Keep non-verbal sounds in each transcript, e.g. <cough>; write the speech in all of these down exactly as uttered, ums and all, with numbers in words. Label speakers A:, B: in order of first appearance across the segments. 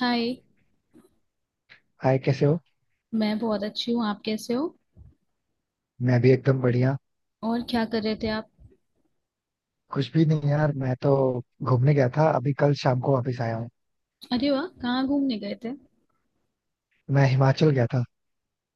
A: हाय।
B: Hi, कैसे हो।
A: मैं बहुत अच्छी हूँ। आप कैसे हो?
B: मैं भी एकदम बढ़िया।
A: और क्या कर रहे थे आप?
B: कुछ भी नहीं यार, मैं तो घूमने गया था अभी, कल शाम को वापस आया हूँ।
A: अरे वाह, कहाँ घूमने गए थे?
B: मैं हिमाचल गया था।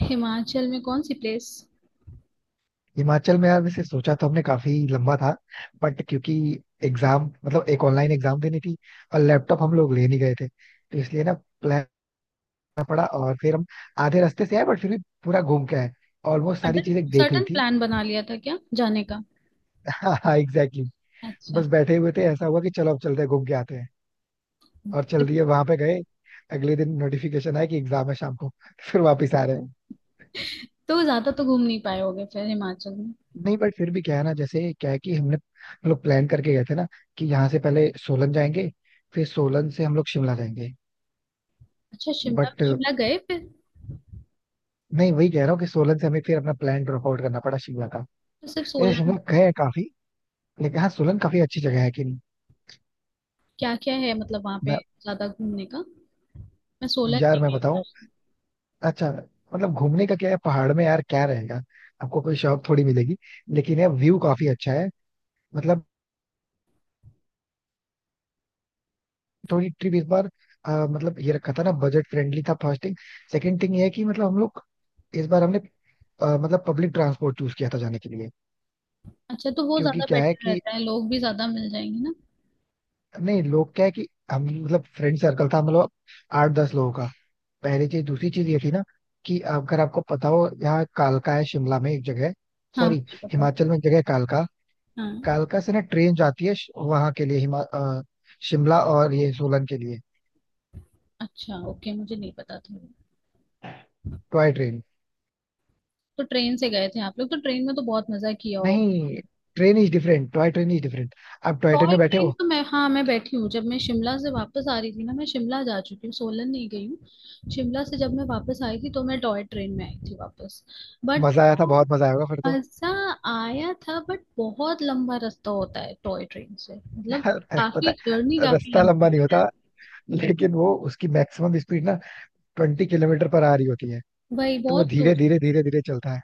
A: हिमाचल में कौन सी प्लेस?
B: हिमाचल में यार वैसे सोचा तो हमने काफी लंबा था। बट क्योंकि एग्जाम, मतलब एक ऑनलाइन एग्जाम देनी थी और लैपटॉप हम लोग ले नहीं गए थे तो इसलिए ना प्लान करना पड़ा और फिर हम आधे रास्ते से आए, बट फिर भी पूरा घूम के आए। ऑलमोस्ट सारी
A: सडन
B: चीजें देख ली
A: सडन
B: थी।
A: प्लान बना लिया था क्या जाने का?
B: <laughs> हाँ हाँ, एग्जैक्टली।
A: अच्छा।
B: बस बैठे हुए थे, ऐसा हुआ कि चलो अब चलते हैं घूम के आते हैं और चल रही है वहां पे गए। अगले दिन नोटिफिकेशन आया कि एग्जाम है शाम को <laughs> फिर वापस आ रहे हैं।
A: तो ज्यादा तो घूम नहीं पाए होगे फिर हिमाचल में?
B: नहीं बट फिर भी क्या है ना, जैसे क्या है कि हमने हम लोग प्लान करके गए थे ना, कि यहाँ से पहले सोलन जाएंगे, फिर सोलन से हम लोग शिमला जाएंगे।
A: अच्छा, शिमला
B: बट
A: शिमला गए फिर?
B: नहीं, वही कह रहा हूँ कि सोलन से हमें फिर अपना प्लान ड्रॉप आउट करना पड़ा शिमला का।
A: तो सिर्फ
B: ये
A: सोलन?
B: शिमला गए हैं काफी। लेकिन हाँ, सोलन काफी अच्छी जगह है कि नहीं।
A: क्या क्या है मतलब वहाँ पे,
B: मैं
A: ज्यादा घूमने का? मैं सोलन
B: यार
A: नहीं
B: मैं
A: गई
B: बताऊँ।
A: हूँ।
B: अच्छा। मतलब घूमने का क्या है पहाड़ में, यार क्या रहेगा। आपको कोई शौक थोड़ी मिलेगी। लेकिन यार व्यू काफी अच्छा है। मतलब थोड़ी ट्रिप इस बार, अ, मतलब ये रखा था ना, बजट फ्रेंडली था फास्टिंग। सेकंड थिंग ये है कि मतलब हम लोग इस बार हमने अ, मतलब पब्लिक ट्रांसपोर्ट चूज किया था जाने के लिए।
A: अच्छा, तो वो
B: क्योंकि
A: ज्यादा
B: क्या है
A: बेटर
B: कि
A: रहता है, लोग भी ज्यादा मिल जाएंगे ना?
B: नहीं, लोग क्या है कि हम, मतलब फ्रेंड सर्कल था मतलब आठ दस लोगों का। पहली चीज, दूसरी चीज ये थी ना कि अगर आपको पता हो, यहाँ कालका है शिमला में, एक जगह।
A: हाँ,
B: सॉरी,
A: मुझे पता है।
B: हिमाचल में एक जगह है कालका।
A: हाँ।
B: कालका से ना ट्रेन जाती है श- वहां के लिए, हिमा अ, शिमला और ये सोलन के लिए।
A: अच्छा, ओके, मुझे नहीं पता था।
B: Toy train.
A: तो ट्रेन से गए थे आप लोग? तो ट्रेन में तो बहुत मजा किया हो।
B: नहीं, train is different, toy train is different. आप टॉय ट्रेन
A: टॉय
B: में बैठे
A: ट्रेन
B: हो,
A: तो मैं हाँ मैं बैठी हूँ, जब मैं शिमला से वापस आ रही थी ना। मैं शिमला जा चुकी हूँ, सोलन नहीं गई हूँ। शिमला से जब मैं वापस आई थी तो मैं टॉय ट्रेन में आई थी वापस। बट
B: मजा आया
A: वो,
B: था, बहुत मजा आया होगा फिर तो।
A: मजा आया था, बट बहुत लंबा रास्ता होता है टॉय ट्रेन से, मतलब
B: <laughs> यार अरे, पता
A: काफी जर्नी,
B: है,
A: काफी
B: रास्ता लंबा
A: लंबी हो
B: नहीं होता,
A: जाती
B: लेकिन वो उसकी मैक्सिमम स्पीड ना ट्वेंटी किलोमीटर पर आ रही होती है।
A: है वही
B: तो वो
A: बहुत, तो,
B: धीरे धीरे धीरे धीरे चलता है।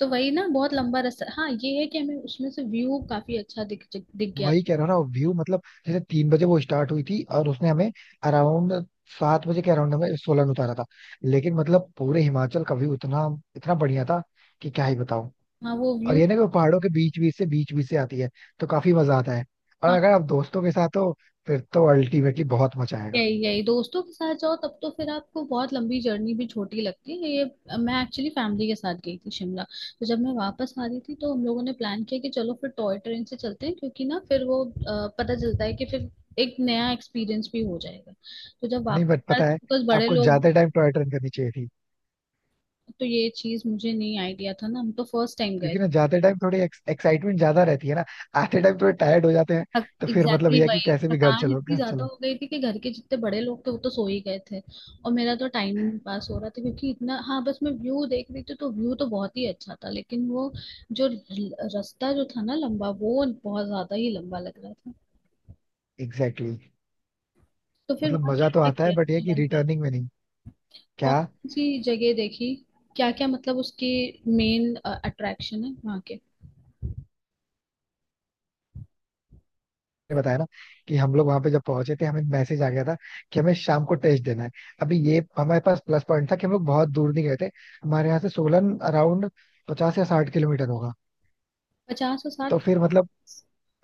A: तो वही ना, बहुत लंबा रास्ता। हाँ, ये है कि हमें उसमें से व्यू काफी अच्छा दिख दिख गया।
B: वही कह रहा हूँ ना, व्यू, मतलब जैसे तीन बजे वो स्टार्ट हुई थी और उसने हमें अराउंड, सात बजे के अराउंड हमें सोलन उतारा था। लेकिन मतलब पूरे हिमाचल का व्यू इतना इतना बढ़िया था कि क्या ही बताऊं।
A: हाँ, वो
B: और
A: व्यू।
B: ये ना कि वो पहाड़ों के बीच बीच से बीच बीच से आती है। तो काफी मजा आता है, और अगर आप दोस्तों के साथ हो फिर तो अल्टीमेटली बहुत मजा आएगा।
A: यही यही, दोस्तों के साथ जाओ तब तो फिर आपको बहुत लंबी जर्नी भी छोटी लगती है, ये। मैं एक्चुअली फैमिली के साथ गई थी शिमला। तो जब मैं वापस आ रही थी तो हम लोगों ने प्लान किया कि चलो फिर टॉय ट्रेन से चलते हैं, क्योंकि ना फिर वो अ, पता चलता है कि फिर एक नया एक्सपीरियंस भी हो जाएगा। तो जब
B: नहीं, बट
A: वापस आए
B: पता है,
A: तो बस, बड़े
B: आपको
A: लोग।
B: ज्यादा टाइम टॉय ट्रेन करनी चाहिए थी
A: तो ये चीज मुझे नहीं आइडिया था ना, हम तो फर्स्ट टाइम गए।
B: क्योंकि ना ज्यादा टाइम थोड़ी एक्साइटमेंट ज्यादा रहती है ना, आते टाइम थोड़े टायर्ड हो जाते हैं, तो
A: एग्जैक्टली,
B: फिर मतलब
A: exactly।
B: यह है कि
A: वही
B: कैसे भी घर
A: थकान
B: चलो,
A: इतनी
B: घर
A: ज्यादा
B: चलो।
A: हो गई थी कि घर के जितने बड़े लोग थे वो तो सो ही गए थे, और मेरा तो टाइम ही नहीं पास हो रहा था, क्योंकि इतना, हाँ, बस मैं व्यू देख रही थी, तो व्यू तो बहुत ही अच्छा था, लेकिन वो जो र- रास्ता जो था ना, लंबा, वो बहुत ज्यादा ही लंबा लग रहा था।
B: Exactly, exactly।
A: तो फिर
B: मतलब
A: वहाँ
B: मजा
A: क्या
B: तो
A: क्या
B: आता है,
A: किया
B: बट ये है कि
A: सोलन में?
B: रिटर्निंग में नहीं।
A: कौन
B: क्या,
A: सी जगह देखी? क्या क्या मतलब उसके मेन अट्रैक्शन है वहाँ के?
B: ने बताया ना कि हम लोग वहां पे जब पहुंचे थे हमें मैसेज आ गया था कि हमें शाम को टेस्ट देना है। अभी ये हमारे पास प्लस पॉइंट था कि हम लोग बहुत दूर नहीं गए थे। हमारे यहाँ से सोलन अराउंड पचास या साठ किलोमीटर होगा।
A: पचास और
B: तो
A: साठ?
B: फिर मतलब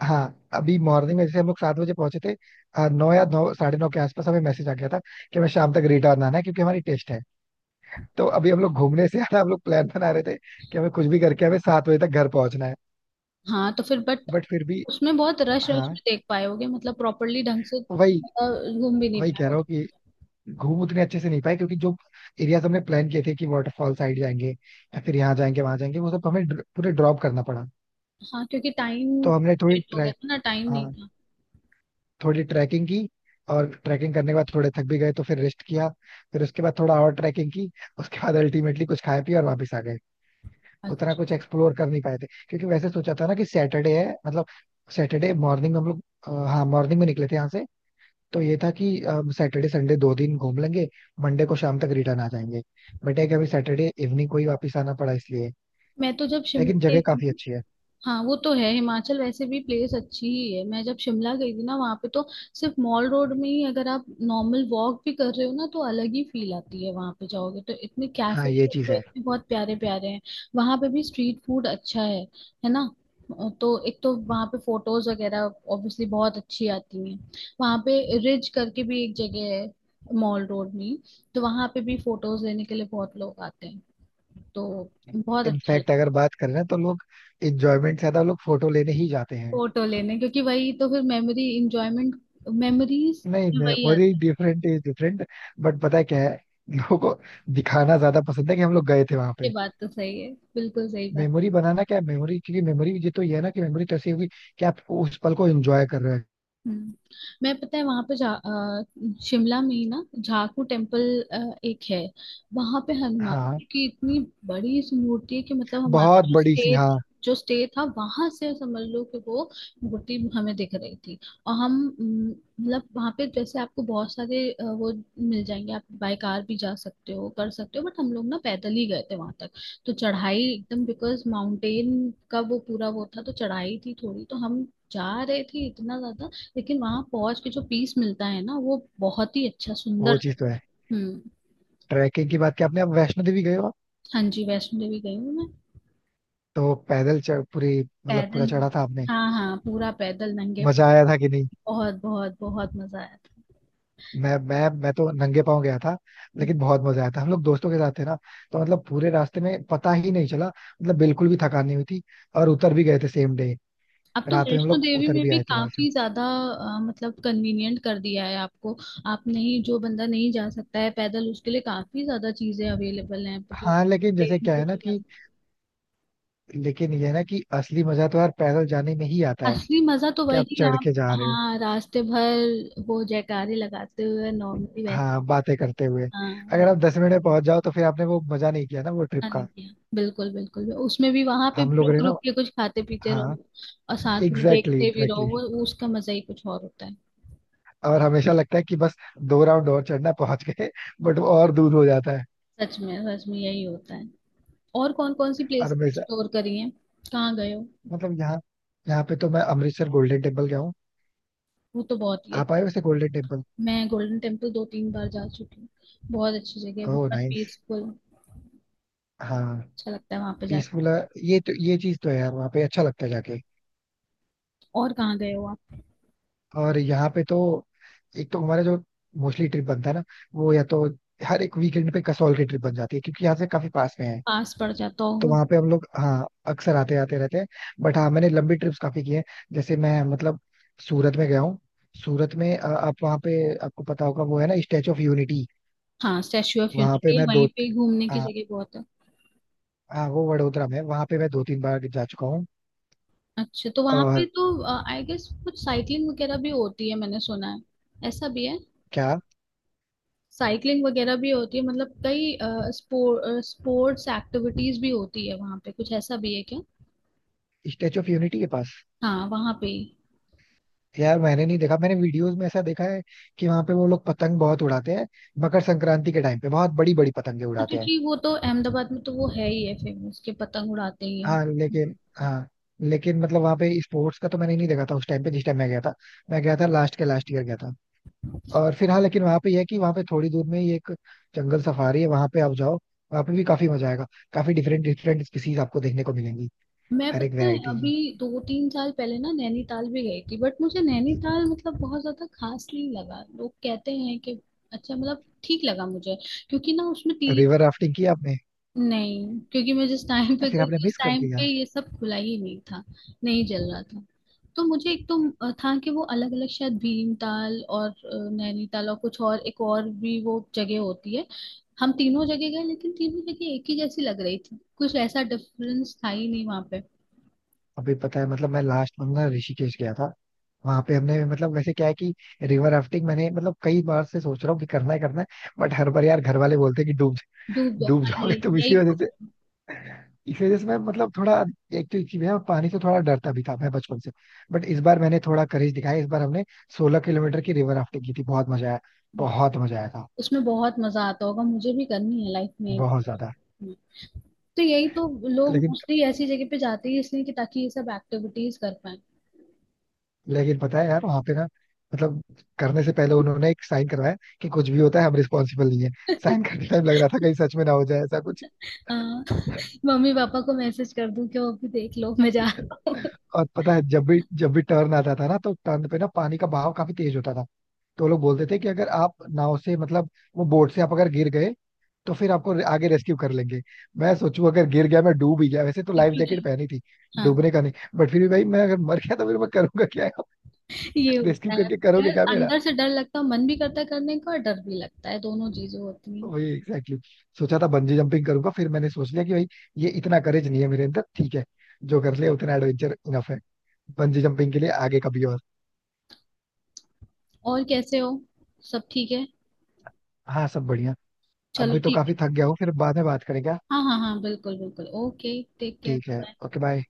B: हाँ, अभी मॉर्निंग में जैसे हम लोग सात बजे पहुंचे थे, आ, नौ या नौ साढ़े नौ के आसपास हमें मैसेज आ गया था कि हमें शाम तक रिटर्न आना है क्योंकि हमारी टेस्ट है। तो अभी हम लोग घूमने से ज्यादा हम लोग प्लान बना रहे थे कि हमें कुछ भी करके हमें सात बजे तक घर पहुंचना है।
A: हाँ, तो फिर बट
B: बट फिर भी,
A: उसमें बहुत रश
B: हाँ,
A: रश में देख पाए होगे, मतलब प्रॉपरली ढंग से,
B: वही
A: अ, घूम भी नहीं
B: वही
A: पाए
B: कह रहा हूँ
A: होगे?
B: कि घूम उतने अच्छे से नहीं पाए क्योंकि जो एरियाज हमने प्लान किए थे कि वाटरफॉल साइड जाएंगे या फिर यहाँ जाएंगे वहां जाएंगे, वो सब तो हमें ड्र- पूरे ड्रॉप करना पड़ा।
A: हाँ, क्योंकि टाइम
B: तो हमने थोड़ी
A: लेट हो गया
B: ट्रैक
A: था ना, टाइम नहीं
B: हाँ,
A: था।
B: थोड़ी ट्रैकिंग की। और ट्रैकिंग करने के बाद थोड़े थक भी गए, तो फिर रेस्ट किया, फिर उसके बाद थोड़ा और ट्रैकिंग की। उसके बाद अल्टीमेटली कुछ खाए पिए और वापस आ गए। उतना
A: अच्छा।
B: कुछ एक्सप्लोर कर नहीं पाए थे क्योंकि वैसे सोचा था ना कि सैटरडे है, मतलब सैटरडे मॉर्निंग में हम लोग अ, हाँ मॉर्निंग में निकले थे यहाँ से। तो ये था कि सैटरडे संडे दो दिन घूम लेंगे, मंडे को शाम तक रिटर्न आ जाएंगे। बट है कि अभी सैटरडे इवनिंग को ही वापस आना पड़ा इसलिए।
A: मैं तो जब शिमला
B: लेकिन
A: गई
B: जगह काफी
A: थी,
B: अच्छी है।
A: हाँ वो तो है, हिमाचल वैसे भी प्लेस अच्छी ही है। मैं जब शिमला गई थी ना वहां पे, तो सिर्फ मॉल रोड में ही अगर आप नॉर्मल वॉक भी कर रहे हो ना, तो अलग ही फील आती है। वहां पे जाओगे तो इतने
B: हाँ,
A: कैफे,
B: ये चीज
A: तो
B: है।
A: इतने बहुत प्यारे प्यारे हैं। वहां पे भी स्ट्रीट फूड अच्छा है है ना? अ, तो एक तो वहां पे फोटोज वगैरह ऑब्वियसली बहुत अच्छी आती हैं। वहां पे, रिज करके भी एक जगह है मॉल रोड में ही, तो वहां पे भी फोटोज लेने के लिए बहुत लोग आते हैं। तो बहुत अच्छा।
B: इनफैक्ट अगर बात करें ना तो लोग इंजॉयमेंट से ज्यादा लोग फोटो लेने ही जाते हैं।
A: फोटो लेने, क्योंकि वही तो फिर मेमोरी, इंजॉयमेंट, मेमोरीज,
B: नहीं,
A: वही
B: मेमोरी
A: आता है।
B: Different, is different. बट पता है क्या है, लोगों को दिखाना ज्यादा पसंद है कि हम लोग गए थे वहां
A: ये
B: पे।
A: बात तो सही है, बिल्कुल सही बात।
B: मेमोरी बनाना क्या है, मेमोरी क्योंकि मेमोरी, ये तो ये है ना कि मेमोरी तो ऐसी होगी कि आप उस पल को एंजॉय कर रहे हैं।
A: हम्म, मैं पता है वहां पे जा, अ, शिमला में ही ना, झाकू टेम्पल, अ, एक है। वहां पे हनुमान
B: हाँ,
A: जी की इतनी बड़ी इस मूर्ति है कि, मतलब हमारा
B: बहुत
A: जो
B: बड़ी सी,
A: स्टेट,
B: हाँ।
A: जो स्टे था वहां से समझ लो कि वो मूर्ति हमें दिख रही थी। और हम, हम्म, मतलब वहां पे जैसे आपको बहुत सारे अ, वो मिल जाएंगे, आप बाय कार भी जा सकते हो, कर सकते हो, बट हम लोग ना पैदल ही गए थे वहां तक। तो चढ़ाई एकदम, बिकॉज माउंटेन का वो पूरा वो था, तो चढ़ाई थी थोड़ी, तो हम जा रहे थे इतना ज्यादा। लेकिन वहां पहुंच के जो पीस मिलता है ना, वो बहुत ही अच्छा,
B: वो
A: सुंदर सा
B: चीज तो
A: है,
B: है,
A: हम्म।
B: ट्रैकिंग की बात की आपने, आप वैष्णो देवी गए हो आप?
A: हाँ जी, वैष्णो देवी गई हूँ मैं।
B: तो पैदल चढ़, पूरी मतलब पूरा
A: पैदल,
B: चढ़ा था आपने,
A: हाँ हाँ, पूरा पैदल, नंगे।
B: मजा आया था कि नहीं।
A: बहुत बहुत बहुत मजा आया था।
B: मैं मैं मैं तो नंगे पांव गया था, लेकिन बहुत मजा आया था, हम लोग दोस्तों के साथ थे ना। तो मतलब पूरे रास्ते में पता ही नहीं चला, मतलब बिल्कुल भी थकान नहीं हुई थी। और उतर भी गए थे सेम डे,
A: अब तो
B: रात में हम
A: वैष्णो
B: लोग
A: देवी
B: उतर
A: में
B: भी
A: भी
B: आए थे वहां से।
A: काफी ज्यादा अ, मतलब कन्वीनियंट कर दिया है आपको। आप नहीं, जो बंदा नहीं जा सकता है पैदल, उसके लिए काफी ज्यादा चीजें अवेलेबल हैं, मतलब
B: हाँ, लेकिन जैसे
A: ट्रेन
B: क्या
A: से
B: है ना
A: भी जा
B: कि,
A: सकते।
B: लेकिन ये है ना कि असली मजा तो यार पैदल जाने में ही आता है,
A: असली मजा तो
B: कि आप
A: वही,
B: चढ़
A: आप,
B: के जा रहे हो,
A: हाँ, रास्ते भर वो जयकारे लगाते हुए, नॉर्मली वैसे।
B: हाँ बातें करते हुए।
A: हाँ।
B: अगर आप दस मिनट में पहुंच जाओ, तो फिर आपने वो मजा नहीं किया ना वो ट्रिप
A: हाँ, नहीं
B: का।
A: किया, बिल्कुल बिल्कुल। उसमें भी वहां पे
B: हम लोग
A: रुक
B: ने ना,
A: रुक के कुछ खाते पीते
B: हाँ,
A: रहो, और साथ में
B: एग्जैक्टली,
A: देखते भी रहो,
B: एग्जैक्टली।
A: वो वो उसका मजा ही कुछ और होता है।
B: और हमेशा लगता है कि बस दो राउंड और चढ़ना है, पहुंच गए, बट वो और दूर हो जाता है।
A: सच में, सच में यही होता है। और कौन कौन सी
B: और
A: प्लेसेस
B: हमेशा
A: एक्सप्लोर करी हैं, कहाँ गए हो?
B: मतलब यहाँ यहाँ पे तो मैं अमृतसर गोल्डन टेम्पल गया हूँ।
A: वो तो बहुत ही है।
B: आप आए वैसे गोल्डन टेम्पल।
A: मैं गोल्डन टेम्पल दो तीन बार जा चुकी हूँ। बहुत अच्छी जगह है,
B: ओह
A: बहुत
B: नाइस।
A: पीसफुल।
B: हाँ,
A: अच्छा लगता है वहां पे जाके।
B: पीसफुल है। ये तो ये चीज तो है यार, वहाँ पे अच्छा लगता है जाके।
A: और कहाँ गए हो आप?
B: और यहाँ पे तो एक तो हमारा जो मोस्टली ट्रिप बनता है ना, वो या तो हर एक वीकेंड पे कसौल की ट्रिप बन जाती है क्योंकि यहाँ से काफी पास में है।
A: पास पड़ जाता
B: तो
A: होगा।
B: वहां पे हम लोग, हाँ, अक्सर आते आते रहते हैं। बट हाँ, मैंने लंबी ट्रिप्स काफी की है, जैसे मैं, मतलब सूरत में गया हूँ। सूरत में, अ, आप वहाँ पे, आपको पता होगा वो है ना स्टेचू ऑफ यूनिटी।
A: हाँ, स्टैच्यू ऑफ
B: वहां पे
A: यूनिटी,
B: मैं दो,
A: वहीं पे घूमने की
B: हाँ
A: जगह बहुत है।
B: हाँ, वो वडोदरा में, वहां पे मैं दो तीन बार जा चुका हूँ।
A: अच्छा, तो वहां पे
B: और
A: तो आई गेस कुछ साइकिलिंग वगैरह भी होती है, मैंने सुना है, ऐसा भी है?
B: क्या,
A: साइकिलिंग वगैरह भी होती है मतलब, कई स्पोर्ट स्पोर्ट्स एक्टिविटीज भी होती है वहां पे? कुछ ऐसा भी है क्या?
B: स्टेचू ऑफ यूनिटी के पास
A: हाँ, वहां पे ही।
B: यार, मैंने नहीं देखा, मैंने वीडियोस में ऐसा देखा है कि वहां पे वो लोग पतंग बहुत उड़ाते हैं। मकर संक्रांति के टाइम पे बहुत बड़ी बड़ी पतंगे
A: हाँ,
B: उड़ाते हैं।
A: क्योंकि वो तो अहमदाबाद में तो वो है ही है, फेमस के पतंग उड़ाते ही हैं।
B: हाँ लेकिन हाँ लेकिन मतलब वहाँ पे स्पोर्ट्स का तो मैंने नहीं देखा था उस टाइम पे जिस टाइम मैं गया था। मैं गया था लास्ट के लास्ट ईयर गया था। और फिर हाँ, लेकिन वहाँ पे यह है कि वहाँ पे थोड़ी दूर में ही एक जंगल सफारी है, वहाँ पे आप जाओ, वहाँ पे भी काफी मजा आएगा। काफी डिफरेंट डिफरेंट स्पीसीज आपको देखने को मिलेंगी,
A: मैं
B: हर एक
A: पता है
B: वेरायटी की।
A: अभी दो तीन साल पहले ना नैनीताल भी गई थी, बट मुझे नैनीताल मतलब बहुत ज्यादा खास नहीं लगा। लोग कहते हैं कि अच्छा, मतलब ठीक लगा मुझे। क्योंकि ना उसमें तीन,
B: रिवर राफ्टिंग की आपने,
A: नहीं, क्योंकि मैं जिस टाइम
B: या
A: पे
B: फिर
A: गई
B: आपने
A: थी उस
B: मिस कर
A: टाइम पे
B: दिया।
A: ये सब खुला ही नहीं था, नहीं चल रहा था। तो मुझे एक तो अ, था कि वो अलग अलग शायद भीमताल और अ, नैनीताल और कुछ और, एक और भी वो जगह होती है। हम तीनों जगह गए, लेकिन तीनों जगह एक ही जैसी लग रही थी, कुछ ऐसा डिफरेंस था ही नहीं वहां पे।
B: अभी पता है, मतलब मैं लास्ट मंथ ना ऋषिकेश गया था। वहां पे हमने, मतलब वैसे क्या है कि रिवर राफ्टिंग मैंने, मतलब कई बार से सोच रहा हूँ कि करना ही करना है। बट हर बार यार घर वाले बोलते हैं कि डूब
A: धूप,
B: डूब
A: हाँ, ये
B: जाओगे तुम। इसी
A: यही।
B: वजह इस वजह से मैं, मतलब थोड़ा, एक तो इसी में, और पानी से थोड़ा डरता भी था मैं बचपन से। बट इस बार मैंने थोड़ा करेज दिखाया, इस बार हमने सोलह किलोमीटर की रिवर राफ्टिंग की थी, बहुत मजा आया, बहुत मजा आया था,
A: उसमें बहुत मजा आता होगा, मुझे भी करनी है लाइफ में
B: बहुत
A: एक।
B: ज्यादा।
A: तो यही तो लोग
B: लेकिन
A: मोस्टली ऐसी जगह पे जाते हैं, इसलिए कि ताकि ये सब एक्टिविटीज कर पाए।
B: लेकिन पता है यार, वहां पे ना, मतलब करने से पहले उन्होंने एक साइन करवाया कि कुछ भी होता है हम रिस्पॉन्सिबल नहीं है। साइन करते टाइम लग रहा था, कहीं
A: <laughs>
B: सच में ना हो जाए ऐसा कुछ।
A: <laughs> हाँ, मम्मी पापा को मैसेज कर दूं कि वो भी देख लो, मैं जा रहा हूँ। <laughs>
B: और पता है, जब भी जब भी टर्न आता था ना, तो टर्न पे ना पानी का बहाव काफी तेज होता था। तो वो लोग बोलते थे कि अगर आप नाव से, मतलब वो बोट से आप अगर गिर गए, तो फिर आपको आगे रेस्क्यू कर लेंगे। मैं सोचू अगर गिर गया, मैं डूब ही गया, वैसे तो लाइफ जैकेट
A: क्योंकि,
B: पहनी थी,
A: हाँ,
B: डूबने का नहीं, बट फिर भी भाई, मैं अगर मर गया तो फिर मैं करूंगा क्या,
A: ये
B: रेस्क्यू
A: होता है।
B: करके
A: डर,
B: करोगे क्या मेरा।
A: अंदर से डर लगता है, मन भी करता है करने का और डर भी लगता है, दोनों चीजें होती हैं।
B: वही एग्जैक्टली, exactly। सोचा था बंजी जंपिंग करूंगा, फिर मैंने सोच लिया कि भाई ये इतना करेज नहीं है मेरे अंदर, ठीक है जो कर लिया उतना एडवेंचर इनफ है, बंजी जंपिंग के लिए आगे कभी और।
A: और कैसे हो, सब ठीक है?
B: हाँ, सब बढ़िया।
A: चलो,
B: अभी तो
A: ठीक
B: काफी
A: है।
B: थक गया हूँ, फिर बाद में बात करेंगे, हाँ।
A: हाँ हाँ हाँ, बिल्कुल बिल्कुल, ओके, टेक केयर,
B: ठीक है,
A: बाय।
B: Okay, bye.